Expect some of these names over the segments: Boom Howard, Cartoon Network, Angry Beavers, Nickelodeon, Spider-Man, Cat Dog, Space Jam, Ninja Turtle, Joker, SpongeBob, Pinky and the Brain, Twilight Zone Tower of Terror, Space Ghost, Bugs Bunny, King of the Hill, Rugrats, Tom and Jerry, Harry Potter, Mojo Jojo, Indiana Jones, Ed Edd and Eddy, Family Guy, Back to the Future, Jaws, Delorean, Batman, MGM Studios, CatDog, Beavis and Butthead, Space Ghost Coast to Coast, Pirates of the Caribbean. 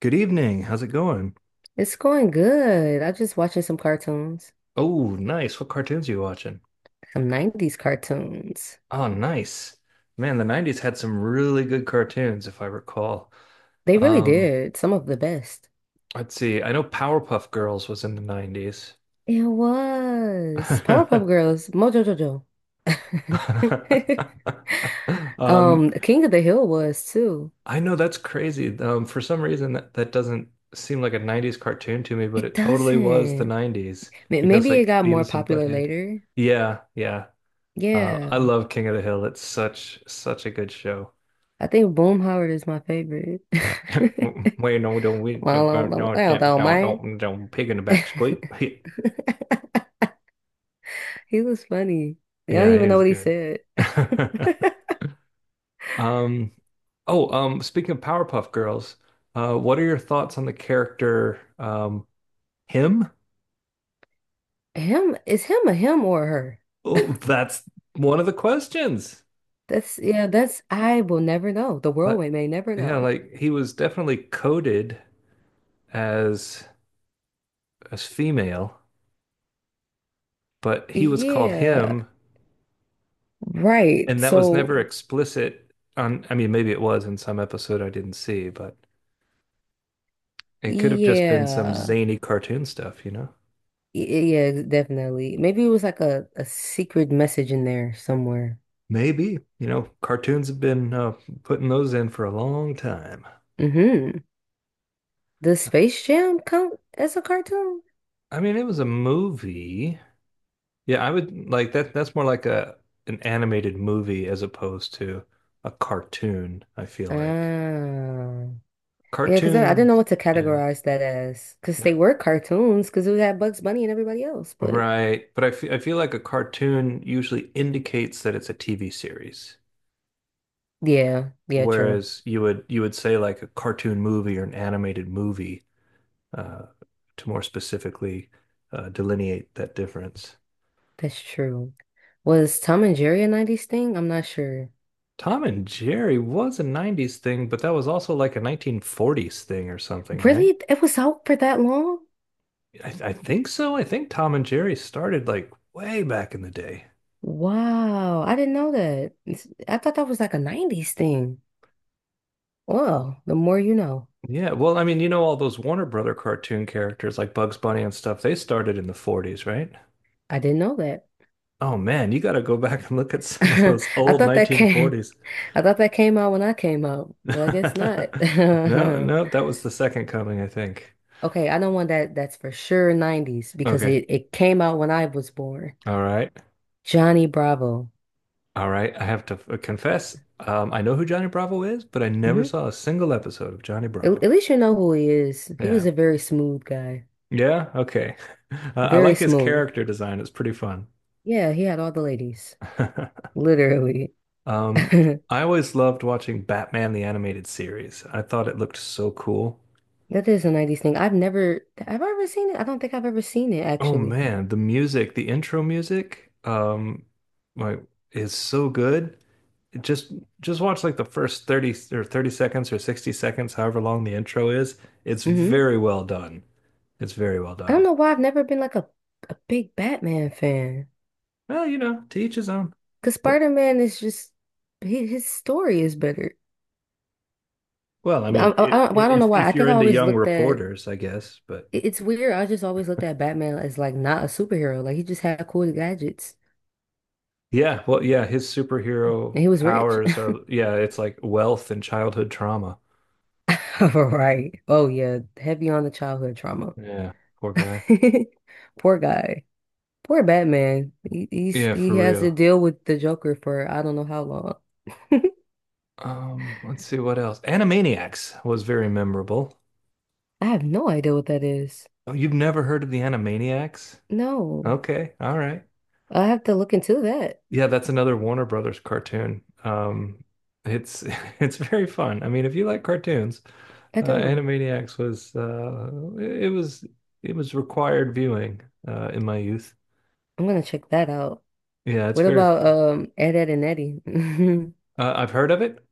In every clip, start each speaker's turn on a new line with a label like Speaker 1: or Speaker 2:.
Speaker 1: Good evening. How's it going?
Speaker 2: It's going good. I just watching some cartoons,
Speaker 1: Oh, nice. What cartoons are you watching?
Speaker 2: some 90s cartoons.
Speaker 1: Oh, nice. Man, the 90s had some really good cartoons, if I recall.
Speaker 2: They really
Speaker 1: Um,
Speaker 2: did some of the best.
Speaker 1: let's see. I know Powerpuff Girls was in the 90s.
Speaker 2: It was Powerpuff Girls, Mojo Jojo.
Speaker 1: Um,
Speaker 2: King of the Hill was too.
Speaker 1: I know that's crazy. For some reason that doesn't seem like a 90s cartoon to me, but
Speaker 2: It
Speaker 1: it totally was the
Speaker 2: doesn't.
Speaker 1: 90s because
Speaker 2: Maybe it
Speaker 1: like
Speaker 2: got more
Speaker 1: Beavis and
Speaker 2: popular
Speaker 1: Butthead.
Speaker 2: later.
Speaker 1: Yeah, yeah. I
Speaker 2: Yeah.
Speaker 1: love King of the Hill. It's such a good show.
Speaker 2: I think Boom Howard is my favorite.
Speaker 1: Waiting no, them with your don't we
Speaker 2: Well,
Speaker 1: jump out, don't
Speaker 2: I
Speaker 1: tap,
Speaker 2: don't
Speaker 1: don't
Speaker 2: mind.
Speaker 1: don't don't pig in the back squeak.
Speaker 2: He was funny. Y'all don't
Speaker 1: Yeah, he
Speaker 2: even know
Speaker 1: was
Speaker 2: what he
Speaker 1: good.
Speaker 2: said.
Speaker 1: Um, oh, Speaking of Powerpuff Girls, what are your thoughts on the character, him?
Speaker 2: Him is him a him or a her?
Speaker 1: Oh, that's one of the questions.
Speaker 2: That's I will never know. The world
Speaker 1: Like,
Speaker 2: we may never
Speaker 1: yeah,
Speaker 2: know.
Speaker 1: like he was definitely coded as as female, but he was called
Speaker 2: Yeah,
Speaker 1: him,
Speaker 2: right.
Speaker 1: and that was
Speaker 2: So
Speaker 1: never explicit on, I mean, maybe it was in some episode I didn't see, but it could have just been some
Speaker 2: yeah.
Speaker 1: zany cartoon stuff, you know?
Speaker 2: Yeah, definitely. Maybe it was like a secret message in there somewhere.
Speaker 1: Maybe. You know, cartoons have been putting those in for a long time.
Speaker 2: Mm-hmm. Does Space Jam count as a cartoon?
Speaker 1: I mean, it was a movie. Yeah, I would like that. That's more like a an animated movie as opposed to a cartoon, I feel like.
Speaker 2: Ah. Yeah, because I didn't
Speaker 1: Cartoon,
Speaker 2: know what to
Speaker 1: yeah,
Speaker 2: categorize that as. Because
Speaker 1: yeah,
Speaker 2: they were cartoons, because it had Bugs Bunny and everybody else. But
Speaker 1: right. But I feel like a cartoon usually indicates that it's a TV series.
Speaker 2: yeah, yeah, true.
Speaker 1: Whereas you would say like a cartoon movie or an animated movie uh, to more specifically delineate that difference.
Speaker 2: That's true. Was Tom and Jerry a 90s thing? I'm not sure.
Speaker 1: Tom and Jerry was a 90s thing, but that was also like a 1940s thing or something, right?
Speaker 2: Really? It was out for that long?
Speaker 1: I think so. I think Tom and Jerry started like way back in the day.
Speaker 2: Wow, I didn't know that. It's- I thought that was like a 90s thing. Well, the more you know.
Speaker 1: Yeah, well, I mean, you know, all those Warner Brother cartoon characters like Bugs Bunny and stuff, they started in the 40s, right?
Speaker 2: I didn't know that.
Speaker 1: Oh man, you got to go back and look at some of
Speaker 2: I
Speaker 1: those old
Speaker 2: thought that came
Speaker 1: 1940s.
Speaker 2: I thought that came out when I came out, but I guess not.
Speaker 1: No, no, that was the second coming, I think.
Speaker 2: Okay, I know one that that's for sure 90s because
Speaker 1: Okay.
Speaker 2: it came out when I was born.
Speaker 1: All right.
Speaker 2: Johnny Bravo.
Speaker 1: All right, I have to confess, I know who Johnny Bravo is, but I never
Speaker 2: Hmm
Speaker 1: saw a single episode of Johnny
Speaker 2: At,
Speaker 1: Bravo.
Speaker 2: at least you know who he is. He was
Speaker 1: Yeah.
Speaker 2: a very smooth guy.
Speaker 1: Yeah, okay. I
Speaker 2: Very
Speaker 1: like his
Speaker 2: smooth.
Speaker 1: character design. It's pretty fun.
Speaker 2: Yeah, he had all the ladies, literally.
Speaker 1: Um, I always loved watching Batman the animated series. I thought it looked so cool.
Speaker 2: That is a 90s thing. I've never, have I ever seen it? I don't think I've ever seen it,
Speaker 1: Oh
Speaker 2: actually.
Speaker 1: man, the music, the intro music, like is so good. just just watch like the first 30 or 30 seconds or 60 seconds, however long the intro is. It's
Speaker 2: Hmm
Speaker 1: very well done. It's very well
Speaker 2: I don't
Speaker 1: done.
Speaker 2: know why I've never been like a big Batman fan.
Speaker 1: Well, you know, to each his own.
Speaker 2: Because
Speaker 1: But,
Speaker 2: Spider-Man is just, his story is better.
Speaker 1: well, I mean,
Speaker 2: I don't know why. I
Speaker 1: if you're
Speaker 2: think I
Speaker 1: into
Speaker 2: always
Speaker 1: young
Speaker 2: looked at,
Speaker 1: reporters, I guess, but
Speaker 2: it- it's weird. I just always looked at Batman as like not a superhero. Like he just had cool gadgets
Speaker 1: yeah, well, yeah, his
Speaker 2: and
Speaker 1: superhero
Speaker 2: he was rich.
Speaker 1: powers are yeah, it's like wealth and childhood trauma.
Speaker 2: Right. Oh, yeah. Heavy on the childhood trauma.
Speaker 1: Yeah, poor guy.
Speaker 2: Poor guy. Poor Batman.
Speaker 1: Yeah, for
Speaker 2: He has to
Speaker 1: real.
Speaker 2: deal with the Joker for I don't know how long.
Speaker 1: Let's see what else. Animaniacs was very memorable.
Speaker 2: I have no idea what that is.
Speaker 1: Oh, you've never heard of the Animaniacs?
Speaker 2: No,
Speaker 1: Okay, all right.
Speaker 2: I have to look into that.
Speaker 1: Yeah, that's another Warner Brothers cartoon. It's it's very fun. I mean, if you like cartoons,
Speaker 2: I do.
Speaker 1: Animaniacs was it was it was required viewing in my youth.
Speaker 2: I'm gonna check that out.
Speaker 1: Yeah, it's
Speaker 2: What
Speaker 1: very
Speaker 2: about
Speaker 1: fun.
Speaker 2: Ed and Eddie?
Speaker 1: I've heard of it.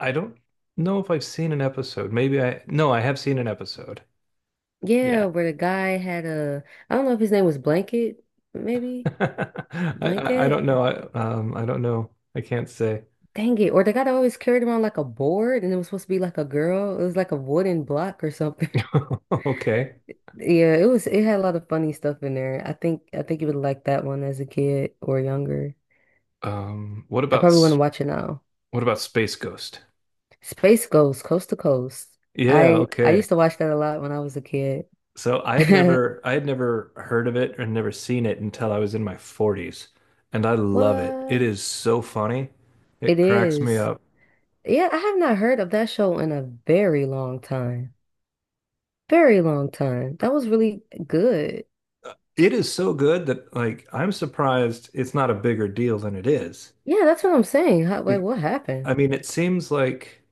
Speaker 1: I don't know if I've seen an episode. Maybe I no, I have seen an episode. Yeah,
Speaker 2: Yeah, where the guy had a I don't know if his name was Blanket, maybe
Speaker 1: I don't know.
Speaker 2: Blanket.
Speaker 1: I don't know. I can't say.
Speaker 2: Dang it! Or the guy that always carried around like a board, and it was supposed to be like a girl. It was like a wooden block or something.
Speaker 1: Okay.
Speaker 2: Yeah, it was it had a lot of funny stuff in there. I think you would like that one as a kid or younger.
Speaker 1: Um, what
Speaker 2: I
Speaker 1: about
Speaker 2: probably want
Speaker 1: s-
Speaker 2: to watch it now.
Speaker 1: what about Space Ghost?
Speaker 2: Space Ghost, Coast to Coast.
Speaker 1: Yeah.
Speaker 2: I
Speaker 1: Okay.
Speaker 2: used to watch that a lot when I was a kid.
Speaker 1: So I had never heard of it and never seen it until I was in my 40s, and I love it. It
Speaker 2: What?
Speaker 1: is so funny.
Speaker 2: It
Speaker 1: It cracks me
Speaker 2: is.
Speaker 1: up.
Speaker 2: Yeah, I have not heard of that show in a very long time. Very long time. That was really good.
Speaker 1: It is so good that like I'm surprised it's not a bigger deal than it is.
Speaker 2: Yeah, that's what I'm saying. How, like,
Speaker 1: Be-
Speaker 2: what happened?
Speaker 1: I mean, it seems like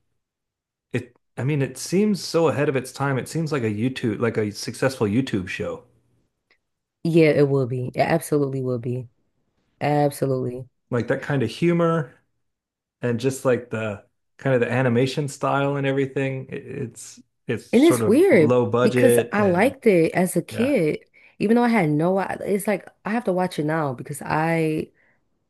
Speaker 1: I mean, it seems so ahead of its time. It seems like a YouTube like a successful YouTube show.
Speaker 2: Yeah, it will be. It absolutely will be. Absolutely.
Speaker 1: Like that kind of humor and just like the kind of the animation style and everything. It's
Speaker 2: And
Speaker 1: sort
Speaker 2: it's
Speaker 1: of
Speaker 2: weird
Speaker 1: low
Speaker 2: because
Speaker 1: budget
Speaker 2: I
Speaker 1: and
Speaker 2: liked it as a
Speaker 1: yeah.
Speaker 2: kid, even though I had no, I- it's like I have to watch it now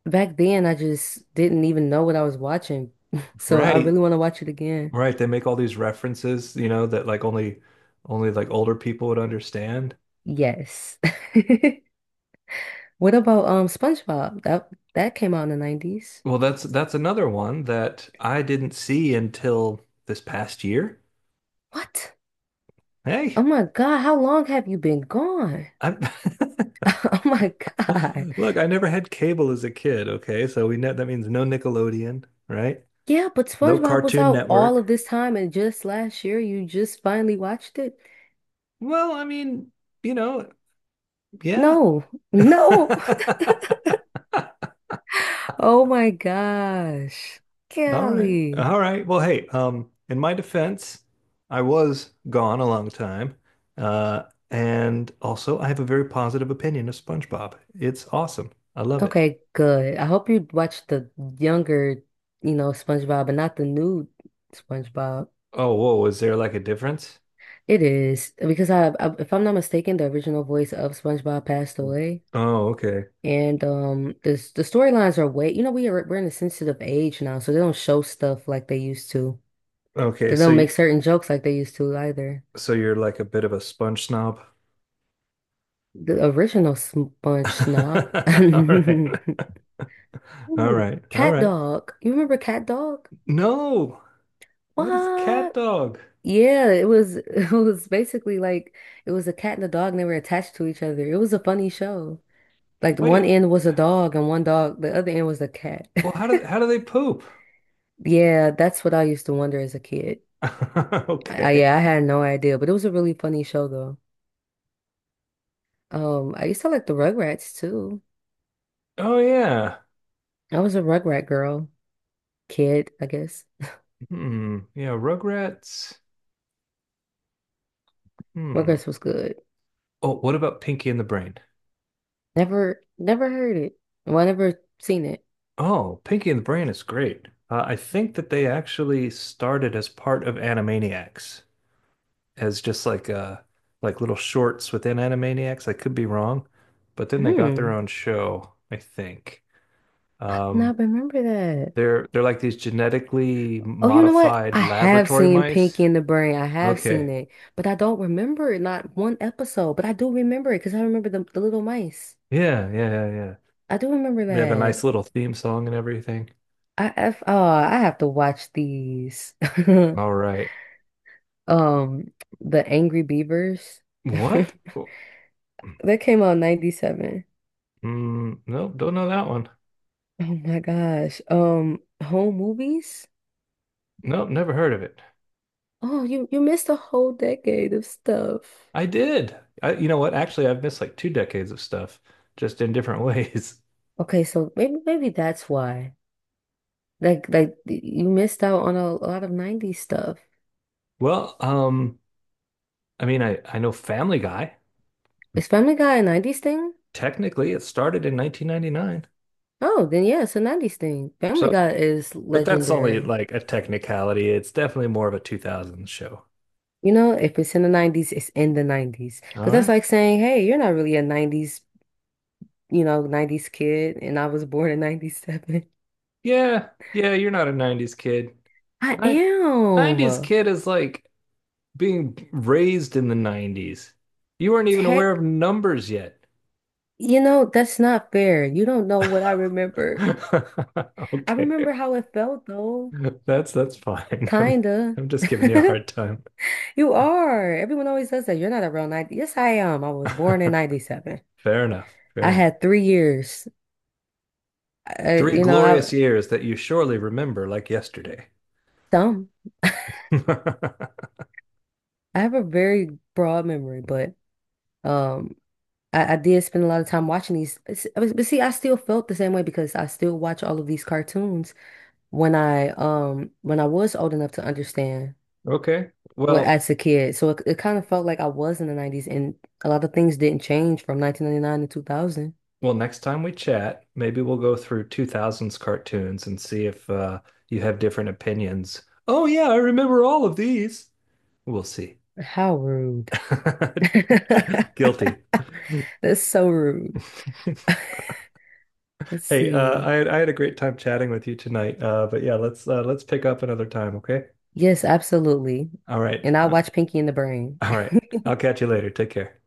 Speaker 2: back then, I just didn't even know what I was watching. So I
Speaker 1: Right.
Speaker 2: really want to watch it again.
Speaker 1: Right. They make all these references, you know, that like only like older people would understand.
Speaker 2: Yes. What about SpongeBob? That came out in the 90s.
Speaker 1: Well, that's another one that I didn't see until this past year.
Speaker 2: What?
Speaker 1: Hey,
Speaker 2: Oh my God, how long have you been gone?
Speaker 1: I
Speaker 2: Oh my God.
Speaker 1: look, I never had cable as a kid, okay? So we know that means no Nickelodeon, right?
Speaker 2: Yeah, but
Speaker 1: No
Speaker 2: SpongeBob was
Speaker 1: Cartoon
Speaker 2: out all
Speaker 1: Network.
Speaker 2: of this time and just last year you just finally watched it?
Speaker 1: Well, I mean, you know, yeah.
Speaker 2: No. No. Oh my gosh.
Speaker 1: All right.
Speaker 2: Golly.
Speaker 1: All right. Well, hey, in my defense, I was gone a long time. Uh, and also I have a very positive opinion of SpongeBob. It's awesome. I love it.
Speaker 2: Okay, good. I hope you watched the younger, you know, SpongeBob, but not the new SpongeBob.
Speaker 1: Oh, whoa, is there like a difference?
Speaker 2: It is because if I'm not mistaken, the original voice of SpongeBob passed
Speaker 1: Mm.
Speaker 2: away,
Speaker 1: Oh, okay.
Speaker 2: and the the storylines are way, you know, we're in a sensitive age now, so they don't show stuff like they used to.
Speaker 1: Okay,
Speaker 2: They
Speaker 1: so
Speaker 2: don't make
Speaker 1: you
Speaker 2: certain jokes like they used to either.
Speaker 1: so you're like a bit of a sponge snob.
Speaker 2: The original Sponge Snob.
Speaker 1: All right. All
Speaker 2: Ooh,
Speaker 1: right. All
Speaker 2: Cat
Speaker 1: right.
Speaker 2: Dog. You remember Cat Dog?
Speaker 1: No. What is cat
Speaker 2: What?
Speaker 1: dog?
Speaker 2: Yeah, it was it was basically like it was a cat and a dog and they were attached to each other. It was a funny show. Like one
Speaker 1: Wait.
Speaker 2: end was a dog and one dog, the other end was a cat.
Speaker 1: Well, how do how do they poop?
Speaker 2: Yeah, that's what I used to wonder as a kid.
Speaker 1: Okay.
Speaker 2: Yeah, I had no idea, but it was a really funny show though. I used to like the Rugrats too.
Speaker 1: Oh yeah.
Speaker 2: I was a Rugrat girl, kid, I guess.
Speaker 1: Hmm. Yeah, Rugrats. Hmm.
Speaker 2: Rugrats was good.
Speaker 1: Oh, what about Pinky and the Brain?
Speaker 2: Never, never heard it. Well, I never seen it.
Speaker 1: Oh, Pinky and the Brain is great. I think that they actually started as part of Animaniacs, as just like little shorts within Animaniacs. I could be wrong, but then they got their
Speaker 2: Hmm.
Speaker 1: own show, I think.
Speaker 2: I do
Speaker 1: Um,
Speaker 2: not remember that.
Speaker 1: they're like these genetically
Speaker 2: Oh, you know what?
Speaker 1: modified
Speaker 2: I have
Speaker 1: laboratory
Speaker 2: seen
Speaker 1: mice.
Speaker 2: Pinky and the Brain. I have seen
Speaker 1: Okay.
Speaker 2: it, but I don't remember it, not one episode. But I do remember it because I remember the little mice.
Speaker 1: Yeah, yeah, yeah, yeah.
Speaker 2: I do remember
Speaker 1: They have a nice
Speaker 2: that.
Speaker 1: little theme song and everything.
Speaker 2: I, have oh, I have to watch these.
Speaker 1: All right.
Speaker 2: Um, the Angry Beavers.
Speaker 1: What?
Speaker 2: That came out in 97.
Speaker 1: Mm, nope, don't know that one.
Speaker 2: Oh my gosh. Home movies?
Speaker 1: Nope, never heard of it.
Speaker 2: Oh, you missed a whole decade of stuff.
Speaker 1: I did. I, you know what? Actually, I've missed like two decades of stuff, just in different ways.
Speaker 2: Okay, so maybe that's why. Like you missed out on a lot of 90s stuff.
Speaker 1: Well, I mean, I know Family Guy.
Speaker 2: Is Family Guy a 90s thing?
Speaker 1: Technically, it started in 1999.
Speaker 2: Oh, then yeah, it's a 90s thing. Family
Speaker 1: So,
Speaker 2: Guy is
Speaker 1: but that's only
Speaker 2: legendary.
Speaker 1: like a technicality. It's definitely more of a 2000s show.
Speaker 2: You know, if it's in the 90s, it's in the 90s.
Speaker 1: All
Speaker 2: Because that's
Speaker 1: right.
Speaker 2: like saying, hey, you're not really a 90s, you know, 90s kid, and I was born in 97.
Speaker 1: Yeah, yeah. You're not a 90s kid.
Speaker 2: I
Speaker 1: Nin- 90s
Speaker 2: am.
Speaker 1: kid is like being raised in the 90s. You weren't even aware
Speaker 2: Tech,
Speaker 1: of numbers yet.
Speaker 2: you know, that's not fair. You don't know what I remember. I
Speaker 1: Okay.
Speaker 2: remember how it felt though,
Speaker 1: That's fine.
Speaker 2: kinda.
Speaker 1: I'm just giving you a hard time.
Speaker 2: You are. Everyone always says that. You're not a real 90. Yes, I am. I was born in 97.
Speaker 1: Fair enough. Fair
Speaker 2: I
Speaker 1: enough.
Speaker 2: had 3 years. I,
Speaker 1: Three
Speaker 2: you know,
Speaker 1: glorious
Speaker 2: I
Speaker 1: years that you surely remember like yesterday.
Speaker 2: some. I have a very broad memory, but um, I did spend a lot of time watching these. But see, I still felt the same way because I still watch all of these cartoons when I was old enough to understand
Speaker 1: Okay.
Speaker 2: what as a kid. So it kind of felt like I was in the 90s, and a lot of things didn't change from 1999 to 2000.
Speaker 1: Well, next time we chat, maybe we'll go through 2000s cartoons and see if you have different opinions. Oh yeah, I remember all of these. We'll see.
Speaker 2: How rude.
Speaker 1: Guilty.
Speaker 2: That's so rude. Let's
Speaker 1: Hey,
Speaker 2: see.
Speaker 1: I had a great time chatting with you tonight. But yeah, let's pick up another time, okay?
Speaker 2: Yes, absolutely.
Speaker 1: All right.
Speaker 2: And I watch Pinky and the Brain.
Speaker 1: All right. I'll catch you later. Take care.